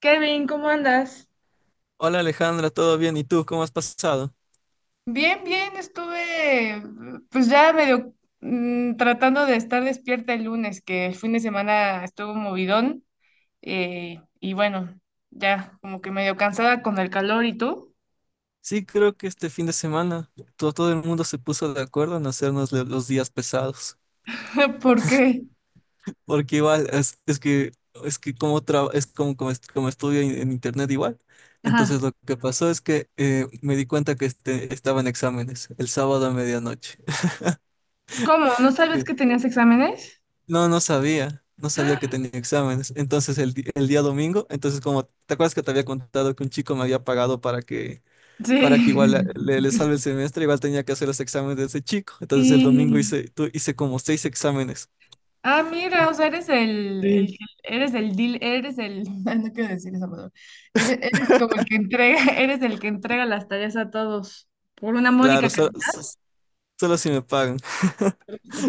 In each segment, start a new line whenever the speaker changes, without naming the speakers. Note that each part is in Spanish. Kevin, ¿cómo andas?
Hola Alejandra, ¿todo bien? ¿Y tú cómo has pasado?
Bien, bien, estuve pues ya medio tratando de estar despierta el lunes, que el fin de semana estuvo movidón, y bueno, ya como que medio cansada con el calor y tú.
Sí, creo que este fin de semana todo, el mundo se puso de acuerdo en hacernos los días pesados,
¿Por qué?
porque igual es que es como, como estudio en internet igual.
Ajá.
Entonces lo que pasó es que me di cuenta que estaba en exámenes el sábado a medianoche.
¿Cómo? ¿No sabes
Sí.
que tenías exámenes?
No, no sabía, que tenía exámenes. Entonces el día domingo, entonces como, ¿te acuerdas que te había contado que un chico me había pagado para que
Sí.
para que igual le salve el semestre, igual tenía que hacer los exámenes de ese chico? Entonces el domingo
¿Y,
hice como seis exámenes.
Ah, mira, o sea, eres el,
Sí.
eres el deal, ay, no quiero decir esa palabra, eres como el que entrega, eres el que entrega las tareas a todos por una
Claro,
módica
solo si me pagan.
cantidad.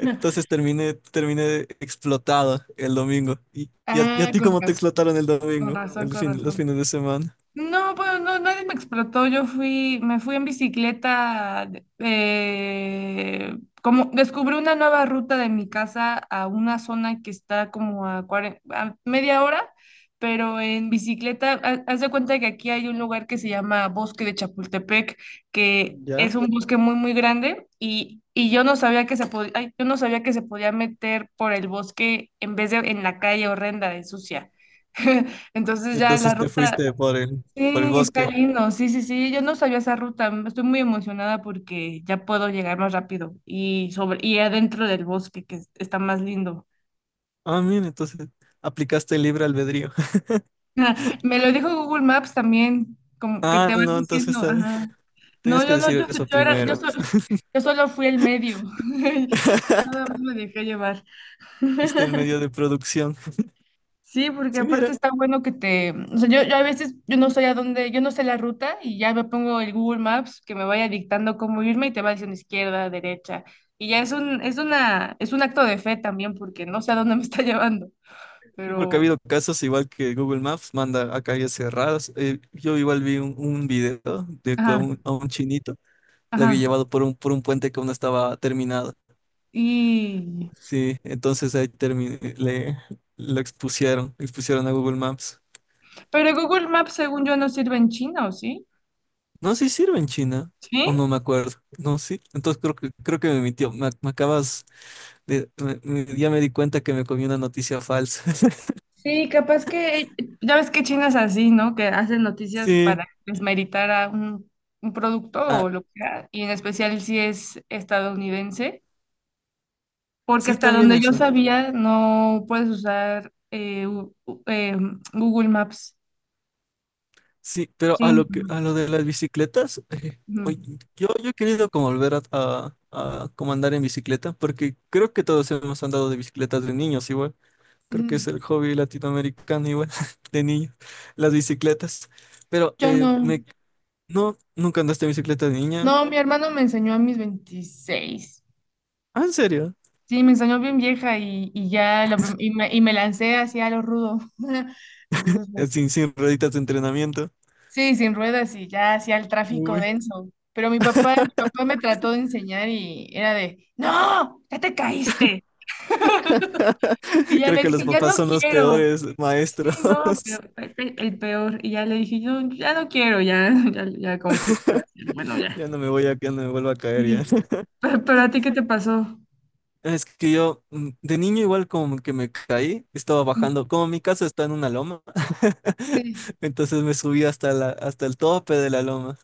terminé explotado el domingo. ¿Y a
Ah,
ti
con
cómo te
razón,
explotaron el
con
domingo,
razón,
el
con
fin, los
razón.
fines de semana?
No, pues no, nadie me explotó. Me fui en bicicleta. Como descubrí una nueva ruta de mi casa a una zona que está como a media hora, pero en bicicleta. Haz de cuenta que aquí hay un lugar que se llama Bosque de Chapultepec, que
¿Ya?
es un bosque muy, muy grande y yo no sabía que se podía, yo no sabía que se podía meter por el bosque en vez de en la calle horrenda de sucia. Entonces ya la
Entonces te
ruta.
fuiste por el
Sí, está
bosque.
lindo. Sí, sí, sí. Yo no sabía esa ruta. Estoy muy emocionada porque ya puedo llegar más rápido y sobre y adentro del bosque que está más lindo.
Ah, mira, entonces aplicaste el libre albedrío.
Me lo dijo Google Maps también, como que te
Ah,
van
no,
diciendo,
entonces ahí,
ajá. No,
tenías que
yo no,
decir eso primero.
yo solo fui el medio. Yo nada más me dejé llevar.
Viste el medio de producción.
Sí, porque
Sí,
aparte
mira.
está bueno que te, o sea, yo a veces yo no sé a dónde, yo no sé la ruta y ya me pongo el Google Maps que me vaya dictando cómo irme y te va diciendo izquierda, derecha. Y ya es un acto de fe también porque no sé a dónde me está llevando,
Sí, porque ha
pero,
habido casos igual que Google Maps manda a calles cerradas. Yo igual vi un video de que a
ajá,
un, a un chinito le había
ajá.
llevado por un puente que aún no estaba terminado.
Y,
Sí, entonces ahí lo expusieron a Google Maps.
pero Google Maps según yo no sirve en chino, ¿sí?
No, sí sirve en China, o
¿Sí?
no me acuerdo. No, sí, entonces creo que me mintió. Me acabas ya me di cuenta que me comí una noticia falsa.
Sí, capaz que, ya ves que China es así, ¿no? Que hacen noticias
Sí,
para desmeritar a un producto
ah,
o lo que sea, y en especial si es estadounidense, porque
sí,
hasta
también
donde yo
eso.
sabía no puedes usar Google Maps.
Sí, pero a
Sí.
lo que, a lo de las bicicletas,
Ujú.
oye, yo he querido como volver a como andar en bicicleta, porque creo que todos hemos andado de bicicletas de niños igual. Creo que es
Ujú.
el hobby latinoamericano igual, de niños, las bicicletas. Pero
Yo no.
no, nunca andaste en bicicleta de niña.
No, mi hermano me enseñó a mis 26.
Ah, ¿en serio?
Sí, me enseñó bien vieja y ya la prim- y me lancé hacia lo rudo. Entonces, pues.
Sin rueditas de entrenamiento.
Sí, sin ruedas y ya hacía el tráfico
Uy.
denso. Pero mi papá me trató de enseñar y era de, no, ya te caíste. Y ya
Creo
le
que
dije,
los
ya
papás
no
son los
quiero.
peores
Sí,
maestros.
no, pero fue el peor. Y ya le dije, yo ya no quiero, ya, ya, ya como que se quedó así, bueno, ya.
Ya no me voy a, ya no me vuelvo a caer
Sí.
ya.
Pero a ti, ¿qué te pasó?
Es que yo de niño igual como que me caí, estaba bajando, como mi casa está en una loma.
Sí,
Entonces me subí hasta la, hasta el tope de la loma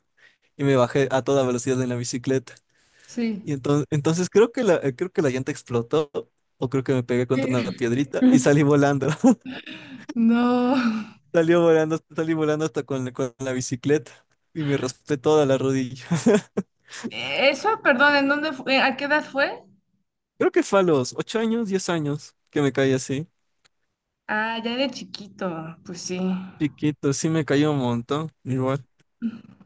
y me bajé a toda velocidad en la bicicleta.
sí.
Y entonces creo que creo que la llanta explotó o creo que me pegué contra una piedrita y salí volando.
No.
Salió volando, salí volando hasta con la bicicleta y me raspé toda la rodilla.
Eso, perdón, ¿en dónde fue? ¿A qué edad fue?
Creo que fue a los 8 años, 10 años que me caí así,
Ah, ya de chiquito, pues sí.
chiquito. Sí, me cayó un montón, igual.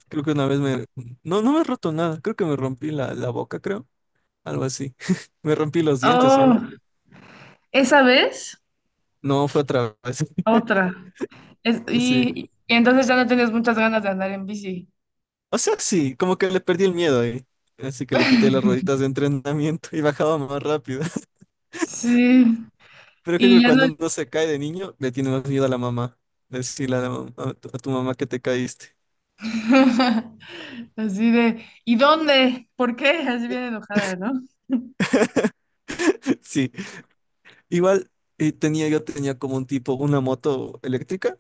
Creo que una vez me... No, no me he roto nada. Creo que me rompí la boca, creo. Algo así. Me rompí los dientes igual.
Oh. Esa vez,
No, fue otra vez.
otra. Es-
Sí.
y, y entonces ya no tienes muchas ganas de andar en bici.
O sea, sí, como que le perdí el miedo ahí. Así que le quité las rueditas de entrenamiento y bajaba más rápido.
Sí.
Pero creo
Y
que
ya no.
cuando uno se cae de niño, le tiene más miedo a la mamá. Decirle a, la mam- a tu mamá que te caíste.
Así de, ¿y dónde? ¿Por qué? Así bien enojada, ¿no?
Sí. Igual yo tenía como un tipo, una moto eléctrica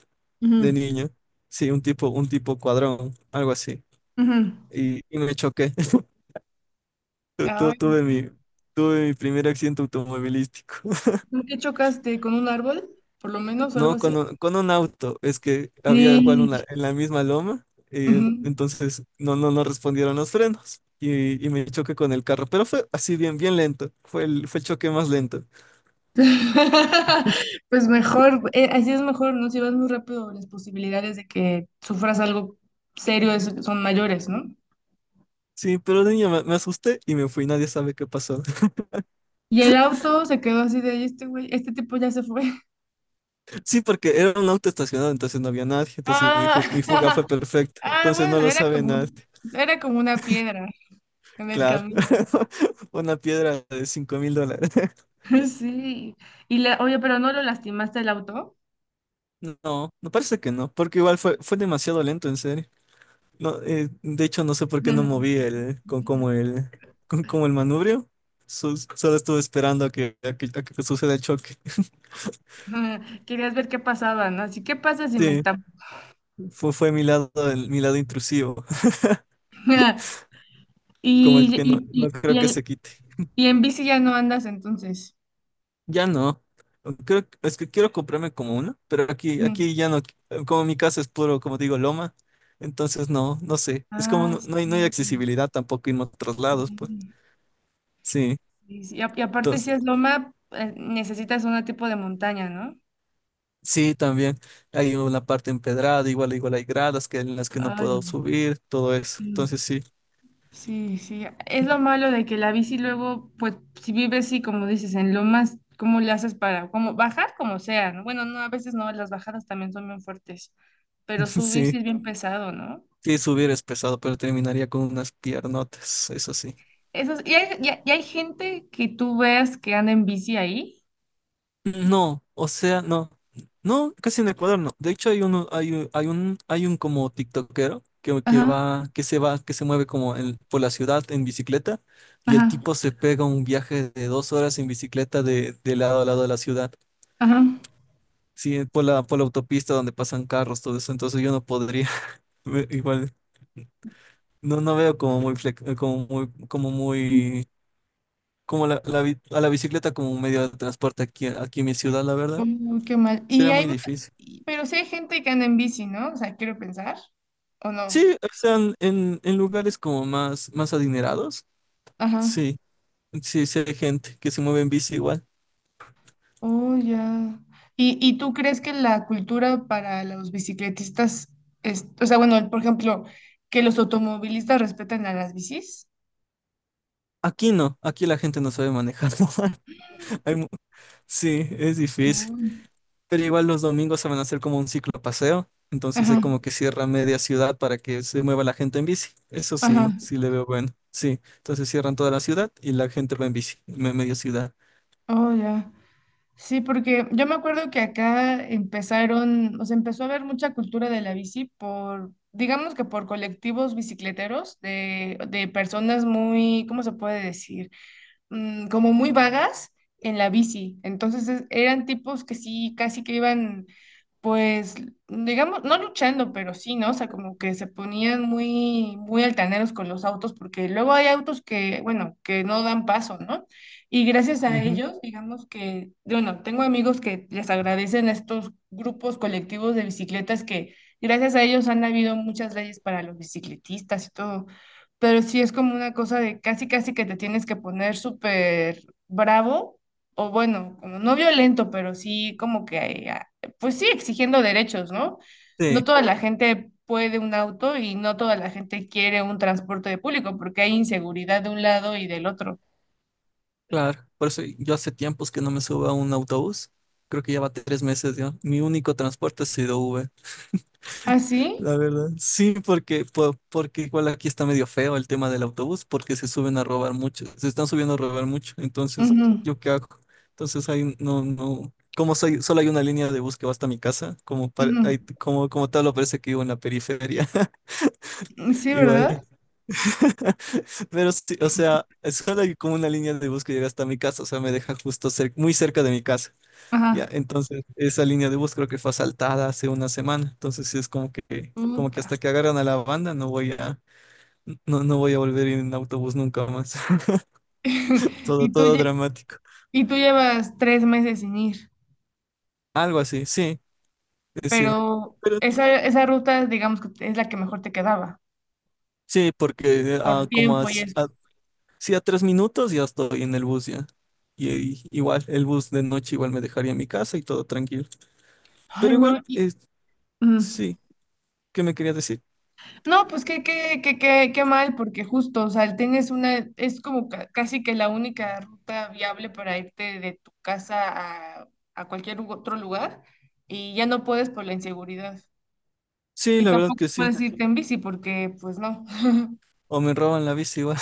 de
Ujú,
niño. Sí, un tipo cuadrón, algo así.
ujú.
Y me choqué. Tu- tu-
Ay, no.
Tuve mi, tuve mi primer accidente automovilístico.
¿Por qué chocaste con un árbol? Por lo menos, o algo
No,
así.
con un auto. Es que había igual
Sí.
una en la misma loma. Y
Ujú.
entonces no respondieron los frenos. Y me choqué con el carro. Pero fue así bien, bien lento. Fue el choque más lento.
Pues mejor, así es mejor, ¿no? Si vas muy rápido, las posibilidades de que sufras algo serio son mayores, ¿no?
Sí, pero de niño me asusté y me fui. Nadie sabe qué pasó.
Y el auto se quedó así de: "¿Y este güey, este tipo ya se fue?"
Sí, porque era un auto estacionado, entonces no había nadie. Entonces mi,
Ah,
ju- mi fuga fue perfecta.
ah,
Entonces no
bueno,
lo
era
sabe
como,
nadie.
era como una piedra en el
Claro.
camino.
Una piedra de $5.000.
Sí. Oye, pero no lo lastimaste el auto.
No, no parece que no, porque igual fue demasiado lento, en serio. No, de hecho, no sé por qué no moví el, con como el, con como el manubrio. Solo estuve esperando a que suceda el choque.
Querías ver qué pasaba, ¿no? Así, ¿qué pasa si me
Sí,
está?
fue mi lado intrusivo, como el
Y,
que no,
y,
no
y, y
creo que se
en,
quite.
y en bici ya no andas entonces.
Ya no. Es que quiero comprarme como uno, pero aquí,
Ujú.
aquí ya no, como mi casa es puro, como digo, loma, entonces no sé. Es como
Ah,
no,
sí.
no hay accesibilidad tampoco en otros
Sí,
lados, pues. Sí,
sí, sí. Y aparte, si
entonces
es loma, necesitas un tipo de montaña, ¿no?
sí, también hay una parte empedrada, igual hay gradas que en las que no puedo
Ay,
subir, todo eso.
no.
Entonces sí.
Sí, sí, es lo malo de que la bici luego, pues, si vives, sí, como dices, en lomas, ¿cómo le haces para, como, bajar como sea? ¿No? Bueno, no, a veces no, las bajadas también son bien fuertes, pero subir sí
Sí,
es bien pesado, ¿no?
sí subir es pesado, pero terminaría con unas piernotas, eso sí.
Eso es- y hay, y hay- y hay gente que tú veas que anda en bici ahí.
No, o sea, no, no, casi en Ecuador no. De hecho hay uno, hay, un- hay un, hay un como tiktokero que,
Ajá,
que se mueve como por la ciudad en bicicleta y el
ajá,
tipo se pega un viaje de 2 horas en bicicleta de lado a lado de la ciudad.
ajá.
Sí, por la autopista donde pasan carros, todo eso, entonces yo no podría. Igual, no veo como muy, como muy, como la bi- a la bicicleta como un medio de transporte aquí en mi ciudad, la verdad,
Uy, qué mal. Y
sería
hay,
muy
mu-
difícil.
y- pero sí hay gente que anda en bici, ¿no? O sea, quiero pensar, ¿o no?
Sí, o están en, en lugares como más, más adinerados,
Ajá.
sí, sí, sí hay gente que se mueve en bici igual.
Oh, ya. ¿Y tú crees que la cultura para los bicicletistas es, o sea, bueno, por ejemplo, que los automovilistas respeten a las bicis?
Aquí no, aquí la gente no sabe manejar. Hay mu- sí, es difícil.
Uy.
Pero igual los domingos se van a hacer como un ciclo paseo, entonces
Ajá,
hay como que cierra media ciudad para que se mueva la gente en bici. Eso
ajá.
sí, sí le veo bueno. Sí, entonces cierran toda la ciudad y la gente va en bici, media ciudad.
Oh, ya. Sí, porque yo me acuerdo que acá o sea, empezó a haber mucha cultura de la bici por, digamos que por colectivos bicicleteros de personas muy, ¿cómo se puede decir? Como muy vagas en la bici. Entonces eran tipos que sí, casi que iban, pues, digamos, no luchando, pero sí, ¿no? O sea, como que se ponían muy, muy altaneros con los autos, porque luego hay autos que, bueno, que no dan paso, ¿no? Y gracias a
Ujú.
ellos, digamos que, bueno, tengo amigos que les agradecen a estos grupos colectivos de bicicletas que gracias a ellos han habido muchas leyes para los bicicletistas y todo, pero sí es como una cosa de casi, casi que te tienes que poner súper bravo, o bueno, como no violento, pero sí como que, pues sí, exigiendo derechos, ¿no?
Sí,
No toda la gente puede un auto y no toda la gente quiere un transporte de público porque hay inseguridad de un lado y del otro.
claro. Por eso yo hace tiempos que no me subo a un autobús. Creo que ya va 3 meses ya. Mi único transporte ha sido Uber.
¿Ah, sí?
La verdad. Sí, porque igual aquí está medio feo el tema del autobús, porque se suben a robar mucho, se están subiendo a robar mucho. Entonces,
Ujú,
¿yo qué hago? Entonces ahí no, no. Solo hay una línea de bus que va hasta mi casa, como tal, lo parece que vivo en la periferia.
ujú. Sí, ¿verdad?
Igual. Pero sí, o sea, es solo hay como una línea de bus que llega hasta mi casa, o sea, me deja justo muy cerca de mi casa.
Ajá.
Ya, entonces esa línea de bus creo que fue asaltada hace una semana, entonces sí es como que
Puta.
hasta que agarran a la banda no voy a volver en autobús nunca más. Todo,
Y tú,
todo
lle-
dramático.
y tú llevas 3 meses sin ir.
Algo así, sí, sí.
Pero
Pero
esa ruta, digamos que es la que mejor te quedaba
sí, porque
por
como a,
tiempo y
si-
eso.
a- sí, a 3 minutos ya estoy en el bus ya. Y igual, el bus de noche igual me dejaría en mi casa y todo tranquilo.
Ay,
Pero igual,
no, mm.
sí, ¿qué me quería decir?
No, pues qué, mal, porque justo, o sea, el tren es como casi que la única ruta viable para irte de tu casa a, cualquier otro lugar y ya no puedes por la inseguridad.
Sí,
Y
la verdad
tampoco
que sí.
puedes irte en bici porque, pues no.
O me roban la bici igual,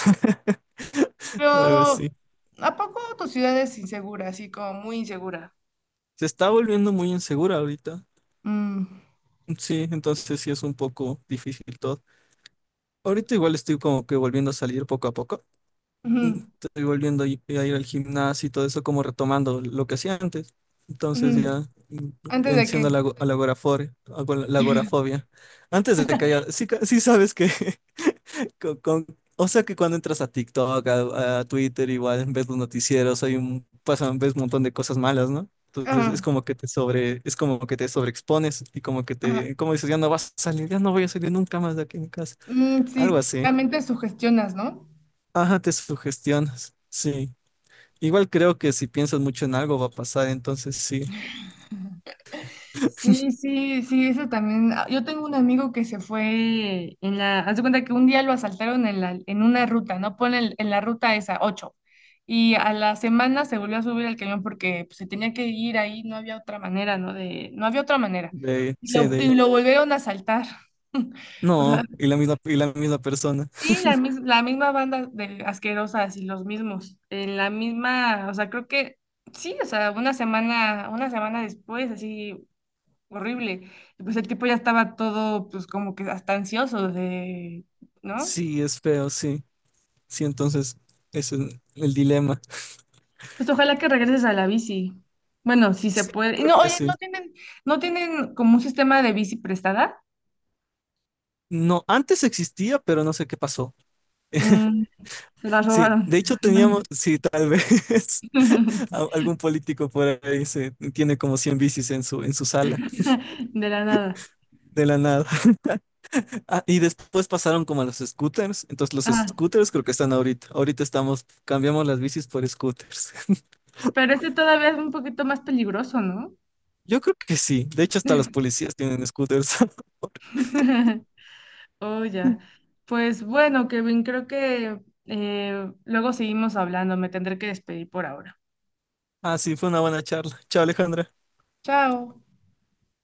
Pero,
o algo así.
¿a poco tu ciudad es insegura, así como muy insegura?
Se está volviendo muy insegura ahorita.
Mm,
Sí, entonces sí es un poco difícil todo. Ahorita igual estoy como que volviendo a salir poco a poco.
ujú,
Estoy volviendo a ir al gimnasio y todo eso, como retomando lo que hacía antes. Entonces
ujú.
ya
¿Antes de
venciendo a
qué?
la, ago- a la agorafore- ago- la agorafobia. Antes de que haya... Sí, sí sabes que con- con- o sea que cuando entras a TikTok, a Twitter, igual ves los noticieros, ves un montón de cosas malas, ¿no? Entonces es
Ajá,
como que te sobreexpones y como que
ajá.
como dices, ya no vas a salir, ya no voy a salir nunca más de aquí en mi casa.
Mm,
Algo
sí,
así.
también te sugestionas, ¿no?
Ajá, te sugestionas. Sí. Igual creo que si piensas mucho en algo va a pasar, entonces sí.
Sí, sí, sí, eso también. Ah, yo tengo un amigo que se fue en la, haz de cuenta que un día lo asaltaron en una ruta, ¿no? En la ruta esa, ocho. Y a la semana se volvió a subir al camión porque pues, se tenía que ir ahí, no había otra manera, ¿no? No había otra manera.
De, ahí,
Y
sí,
lo,
de, ahí.
y lo volvieron a asaltar. O sea,
No, y la misma persona.
sí, la misma banda de asquerosas y los mismos, en la misma, o sea, creo que sí, o sea, una semana después, así horrible, y pues el tipo ya estaba todo, pues como que hasta ansioso de, ¿no?
Sí, es feo, sí. Sí, entonces ese es el dilema.
Pues ojalá que regreses a la bici. Bueno, si se
Sí,
puede. Y
creo
no,
que
oye,
sí.
no tienen como un sistema de bici prestada.
No, antes existía, pero no sé qué pasó.
Mm, se la
Sí,
robaron.
de hecho
No,
teníamos,
ya.
sí, tal vez algún político por ahí se tiene como 100 bicis en su sala,
De la nada.
de la nada. Ah, y después pasaron como a los scooters, entonces los
Ajá.
scooters creo que están ahorita. Ahorita estamos, cambiamos las bicis por scooters.
Pero este todavía es un poquito más peligroso, ¿no?
Yo creo que sí, de hecho hasta los policías tienen scooters.
Oh, ya. Pues bueno, Kevin, creo que luego seguimos hablando. Me tendré que despedir por ahora.
Ah, sí, fue una buena charla. Chao, Alejandra.
Chao.